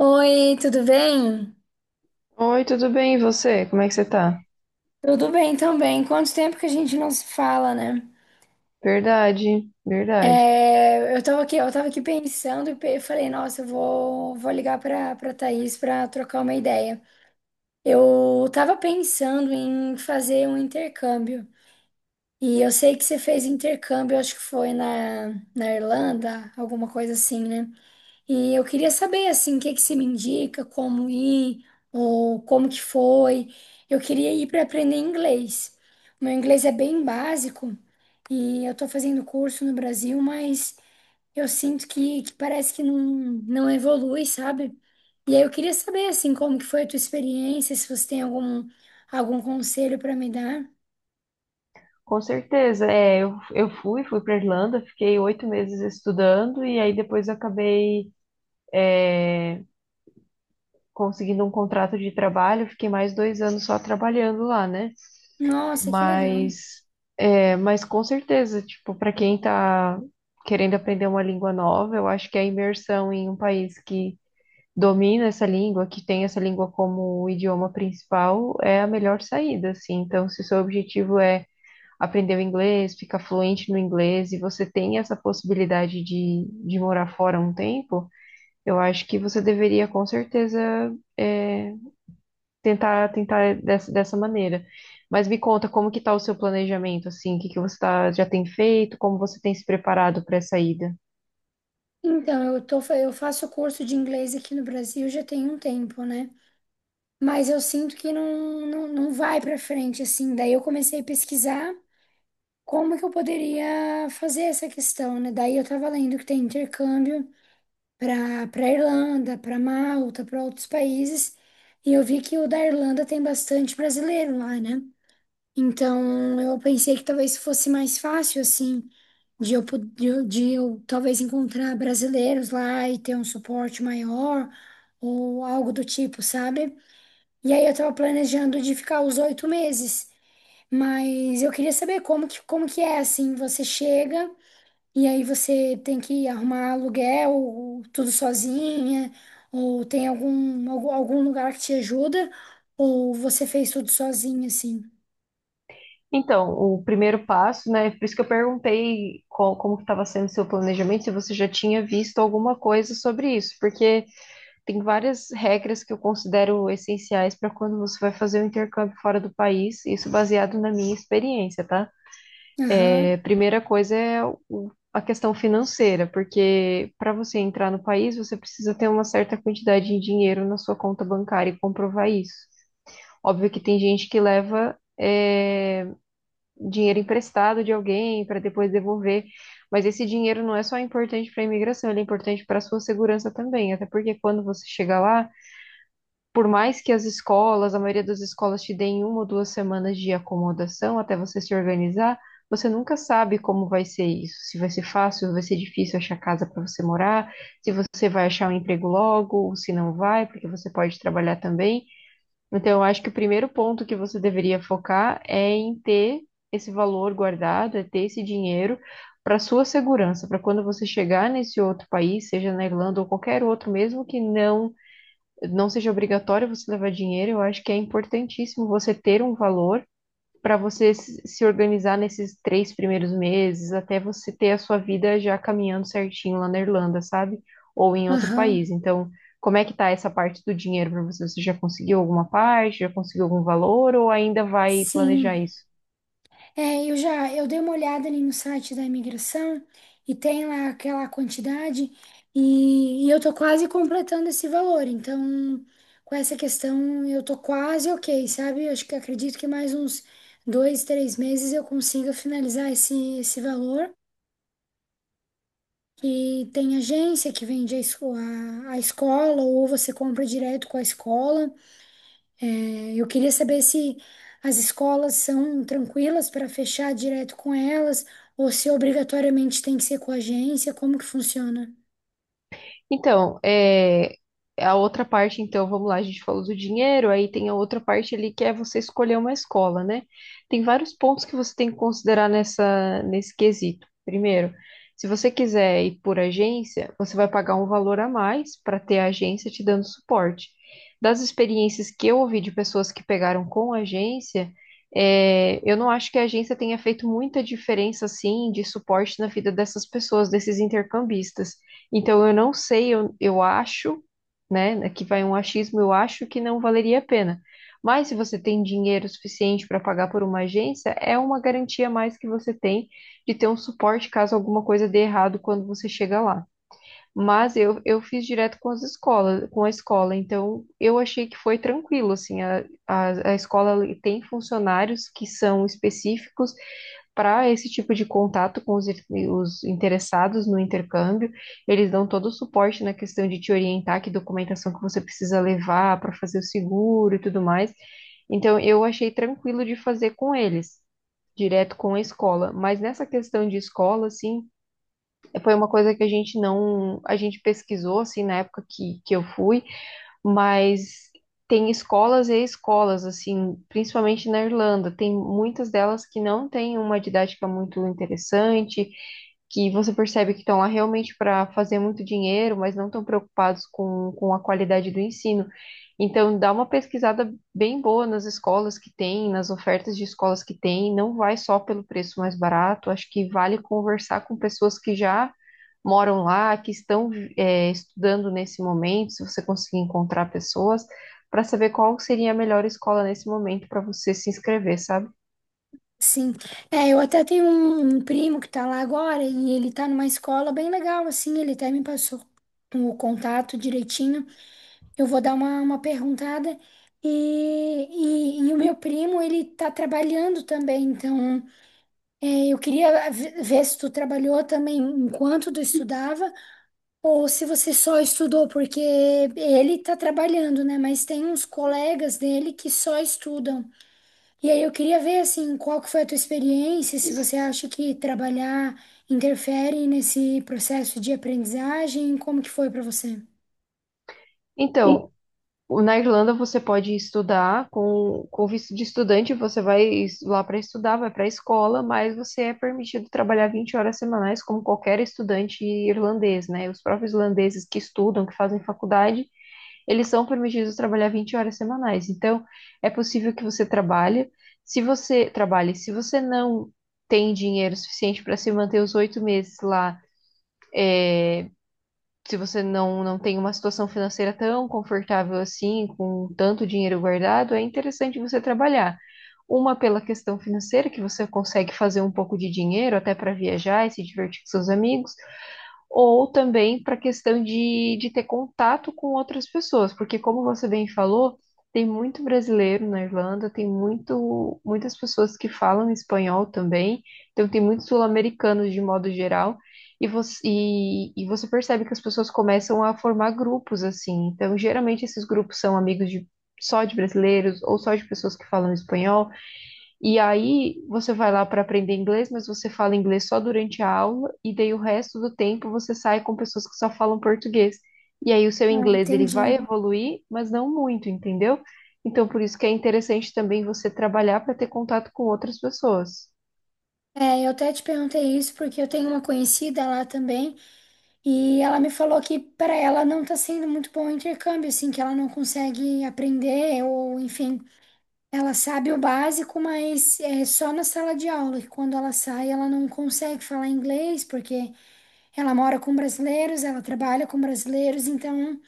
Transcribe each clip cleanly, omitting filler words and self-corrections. Oi, tudo bem? Oi, tudo bem? E você? Como é que você tá? Tudo bem também. Quanto tempo que a gente não se fala, né? Verdade, verdade. Eu tava aqui pensando eu falei, nossa, vou ligar pra Thaís pra trocar uma ideia. Eu tava pensando em fazer um intercâmbio. E eu sei que você fez intercâmbio, acho que foi na Irlanda, alguma coisa assim, né? E eu queria saber, assim, o que que você me indica, como ir, ou como que foi. Eu queria ir para aprender inglês. O meu inglês é bem básico e eu estou fazendo curso no Brasil, mas eu sinto que parece que não evolui, sabe? E aí eu queria saber, assim, como que foi a tua experiência, se você tem algum conselho para me dar. Com certeza. Eu fui para Irlanda, fiquei 8 meses estudando e aí depois acabei conseguindo um contrato de trabalho, fiquei mais 2 anos só trabalhando lá, né? Nossa, que legal. Mas, mas com certeza, tipo, para quem tá querendo aprender uma língua nova, eu acho que a imersão em um país que domina essa língua, que tem essa língua como o idioma principal, é a melhor saída, assim. Então, se o seu objetivo é aprender o inglês, ficar fluente no inglês, e você tem essa possibilidade de morar fora um tempo, eu acho que você deveria, com certeza, é, tentar dessa maneira. Mas me conta, como que está o seu planejamento, assim? O que que você tá, já tem feito? Como você tem se preparado para essa ida? Então, eu faço curso de inglês aqui no Brasil já tem um tempo, né? Mas eu sinto que não vai para frente, assim. Daí eu comecei a pesquisar como que eu poderia fazer essa questão, né? Daí eu tava lendo que tem intercâmbio para Irlanda, para Malta, para outros países, e eu vi que o da Irlanda tem bastante brasileiro lá, né? Então eu pensei que talvez fosse mais fácil, assim, de eu, po- de eu talvez encontrar brasileiros lá e ter um suporte maior ou algo do tipo, sabe? E aí eu tava planejando de ficar os 8 meses, mas eu queria saber como que é assim, você chega e aí você tem que arrumar aluguel, ou tudo sozinha, ou tem algum lugar que te ajuda, ou você fez tudo sozinha, assim. Então, o primeiro passo, né? Por isso que eu perguntei como que estava sendo o seu planejamento, se você já tinha visto alguma coisa sobre isso, porque tem várias regras que eu considero essenciais para quando você vai fazer um intercâmbio fora do país, isso baseado na minha experiência, tá? Aham, É, primeira coisa é a questão financeira, porque para você entrar no país, você precisa ter uma certa quantidade de dinheiro na sua conta bancária e comprovar isso. Óbvio que tem gente que leva. Dinheiro emprestado de alguém para depois devolver. Mas esse dinheiro não é só importante para a imigração, ele é importante para a sua segurança também. Até porque quando você chega lá, por mais que as escolas, a maioria das escolas te deem uma ou duas semanas de acomodação até você se organizar, você nunca sabe como vai ser isso. Se vai ser fácil, vai ser difícil achar casa para você morar, se você vai achar um emprego logo, ou se não vai, porque você pode trabalhar também. Então, eu acho que o primeiro ponto que você deveria focar é em ter esse valor guardado, é ter esse dinheiro para sua segurança, para quando você chegar nesse outro país, seja na Irlanda ou qualquer outro, mesmo que não seja obrigatório você levar dinheiro, eu acho que é importantíssimo você ter um valor para você se organizar nesses 3 primeiros meses, até você ter a sua vida já caminhando certinho lá na Irlanda, sabe? Ou em outro aham, país. Então, como é que tá essa parte do dinheiro para você? Você já conseguiu alguma parte? Já conseguiu algum valor? Ou ainda vai planejar sim. isso? É, eu dei uma olhada ali no site da imigração e tem lá aquela quantidade e eu tô quase completando esse valor. Então, com essa questão, eu tô quase ok, sabe? Acho que acredito que mais uns dois, três meses eu consiga finalizar esse valor. E tem agência que vende a escola ou você compra direto com a escola. Eu queria saber se as escolas são tranquilas para fechar direto com elas ou se obrigatoriamente tem que ser com a agência, como que funciona? Então, a outra parte, então, vamos lá, a gente falou do dinheiro, aí tem a outra parte ali que é você escolher uma escola, né? Tem vários pontos que você tem que considerar nesse quesito. Primeiro, se você quiser ir por agência, você vai pagar um valor a mais para ter a agência te dando suporte. Das experiências que eu ouvi de pessoas que pegaram com agência, eu não acho que a agência tenha feito muita diferença, assim, de suporte na vida dessas pessoas, desses intercambistas. Então, eu não sei, eu acho, né? Aqui vai um achismo, eu acho que não valeria a pena. Mas se você tem dinheiro suficiente para pagar por uma agência, é uma garantia a mais que você tem de ter um suporte caso alguma coisa dê errado quando você chega lá. Mas eu fiz direto com as escolas, com a escola, então eu achei que foi tranquilo, assim, a escola tem funcionários que são específicos para esse tipo de contato com os interessados no intercâmbio. Eles dão todo o suporte na questão de te orientar que documentação que você precisa levar para fazer o seguro e tudo mais. Então, eu achei tranquilo de fazer com eles, direto com a escola. Mas nessa questão de escola, assim, foi uma coisa que a gente não, a gente pesquisou, assim, na época que eu fui, mas tem escolas e escolas, assim, principalmente na Irlanda, tem muitas delas que não têm uma didática muito interessante, que você percebe que estão lá realmente para fazer muito dinheiro, mas não estão preocupados com a qualidade do ensino. Então, dá uma pesquisada bem boa nas escolas que tem, nas ofertas de escolas que tem, não vai só pelo preço mais barato, acho que vale conversar com pessoas que já moram lá, que estão estudando nesse momento, se você conseguir encontrar pessoas, para saber qual seria a melhor escola nesse momento para você se inscrever, sabe? Sim, é, eu até tenho um primo que tá lá agora e ele tá numa escola bem legal, assim, ele até me passou o contato direitinho. Eu vou dar uma perguntada e, e o meu primo, ele tá trabalhando também, então é, eu queria ver se tu trabalhou também enquanto tu estudava. Ou se você só estudou, porque ele tá trabalhando, né? Mas tem uns colegas dele que só estudam. E aí eu queria ver, assim, qual que foi a tua experiência, se você acha que trabalhar interfere nesse processo de aprendizagem, como que foi para você? Então, na Irlanda você pode estudar com visto de estudante, você vai lá para estudar, vai para a escola, mas você é permitido trabalhar 20 horas semanais como qualquer estudante irlandês, né? Os próprios irlandeses que estudam, que fazem faculdade, eles são permitidos trabalhar 20 horas semanais. Então, é possível que você trabalhe. Se você trabalhe, se você não tem dinheiro suficiente para se manter os 8 meses lá, se você não tem uma situação financeira tão confortável assim, com tanto dinheiro guardado, é interessante você trabalhar. Uma pela questão financeira, que você consegue fazer um pouco de dinheiro até para viajar e se divertir com seus amigos ou também para a questão de ter contato com outras pessoas, porque como você bem falou, tem muito brasileiro na Irlanda, muitas pessoas que falam espanhol também, então tem muitos sul-americanos de modo geral, e você percebe que as pessoas começam a formar grupos assim, então geralmente esses grupos são amigos de só de brasileiros ou só de pessoas que falam espanhol, e aí você vai lá para aprender inglês, mas você fala inglês só durante a aula, e daí o resto do tempo você sai com pessoas que só falam português. E aí o seu Ah, inglês ele vai entendi. evoluir, mas não muito, entendeu? Então por isso que é interessante também você trabalhar para ter contato com outras pessoas. É, eu até te perguntei isso porque eu tenho uma conhecida lá também e ela me falou que para ela não tá sendo muito bom o intercâmbio, assim, que ela não consegue aprender ou enfim. Ela sabe o básico, mas é só na sala de aula, que quando ela sai, ela não consegue falar inglês, porque ela mora com brasileiros, ela trabalha com brasileiros, então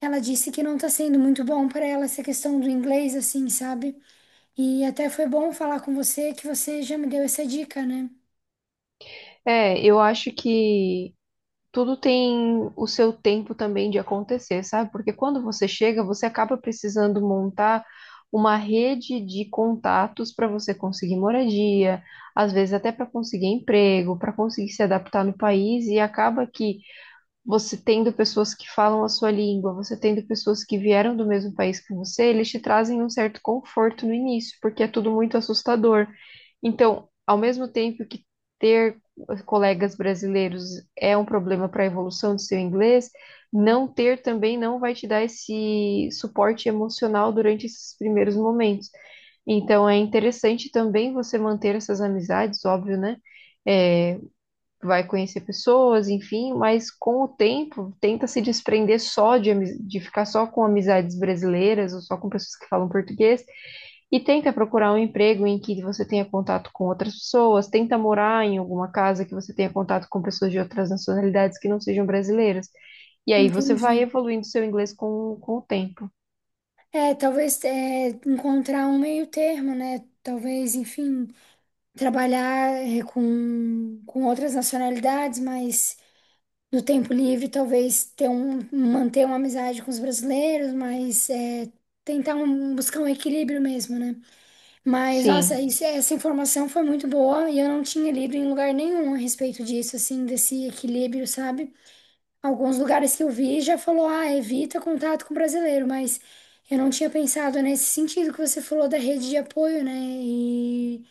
ela disse que não tá sendo muito bom para ela essa questão do inglês, assim, sabe? E até foi bom falar com você, que você já me deu essa dica, né? É, eu acho que tudo tem o seu tempo também de acontecer, sabe? Porque quando você chega, você acaba precisando montar uma rede de contatos para você conseguir moradia, às vezes até para conseguir emprego, para conseguir se adaptar no país, e acaba que você tendo pessoas que falam a sua língua, você tendo pessoas que vieram do mesmo país que você, eles te trazem um certo conforto no início, porque é tudo muito assustador. Então, ao mesmo tempo que ter colegas brasileiros é um problema para a evolução do seu inglês, não ter também não vai te dar esse suporte emocional durante esses primeiros momentos. Então, é interessante também você manter essas amizades, óbvio, né? É, vai conhecer pessoas, enfim, mas com o tempo tenta se desprender só de, de ficar só com amizades brasileiras ou só com pessoas que falam português e tenta procurar um emprego em que você tenha contato com outras pessoas, tenta morar em alguma casa que você tenha contato com pessoas de outras nacionalidades que não sejam brasileiras. E aí você Entendi. vai evoluindo seu inglês com o tempo. É, talvez é, encontrar um meio termo, né? Talvez, enfim, trabalhar é, com outras nacionalidades, mas. Do tempo livre, talvez ter manter uma amizade com os brasileiros, mas é, buscar um equilíbrio mesmo, né? Mas, nossa, Sim. Essa informação foi muito boa e eu não tinha lido em lugar nenhum a respeito disso, assim, desse equilíbrio, sabe? Alguns lugares que eu vi já falou, ah, evita contato com brasileiro, mas eu não tinha pensado nesse sentido que você falou da rede de apoio, né? E,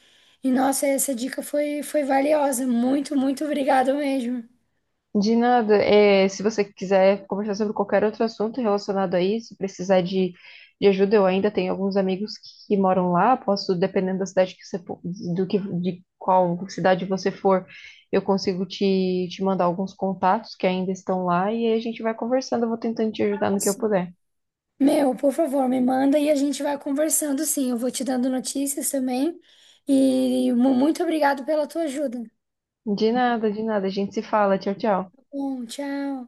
e nossa, essa dica foi valiosa. Muito, muito obrigada mesmo. De nada, é, se você quiser conversar sobre qualquer outro assunto relacionado a isso, precisar de ajuda, eu ainda tenho alguns amigos que moram lá, posso, dependendo da cidade que você, de qual cidade você for, eu consigo te mandar alguns contatos que ainda estão lá e aí a gente vai conversando, eu vou tentando te ajudar no que eu puder. Meu, por favor, me manda e a gente vai conversando, sim. Eu vou te dando notícias também. E muito obrigado pela tua ajuda. Tá. De nada, a gente se fala, tchau, tchau. Bom, tchau.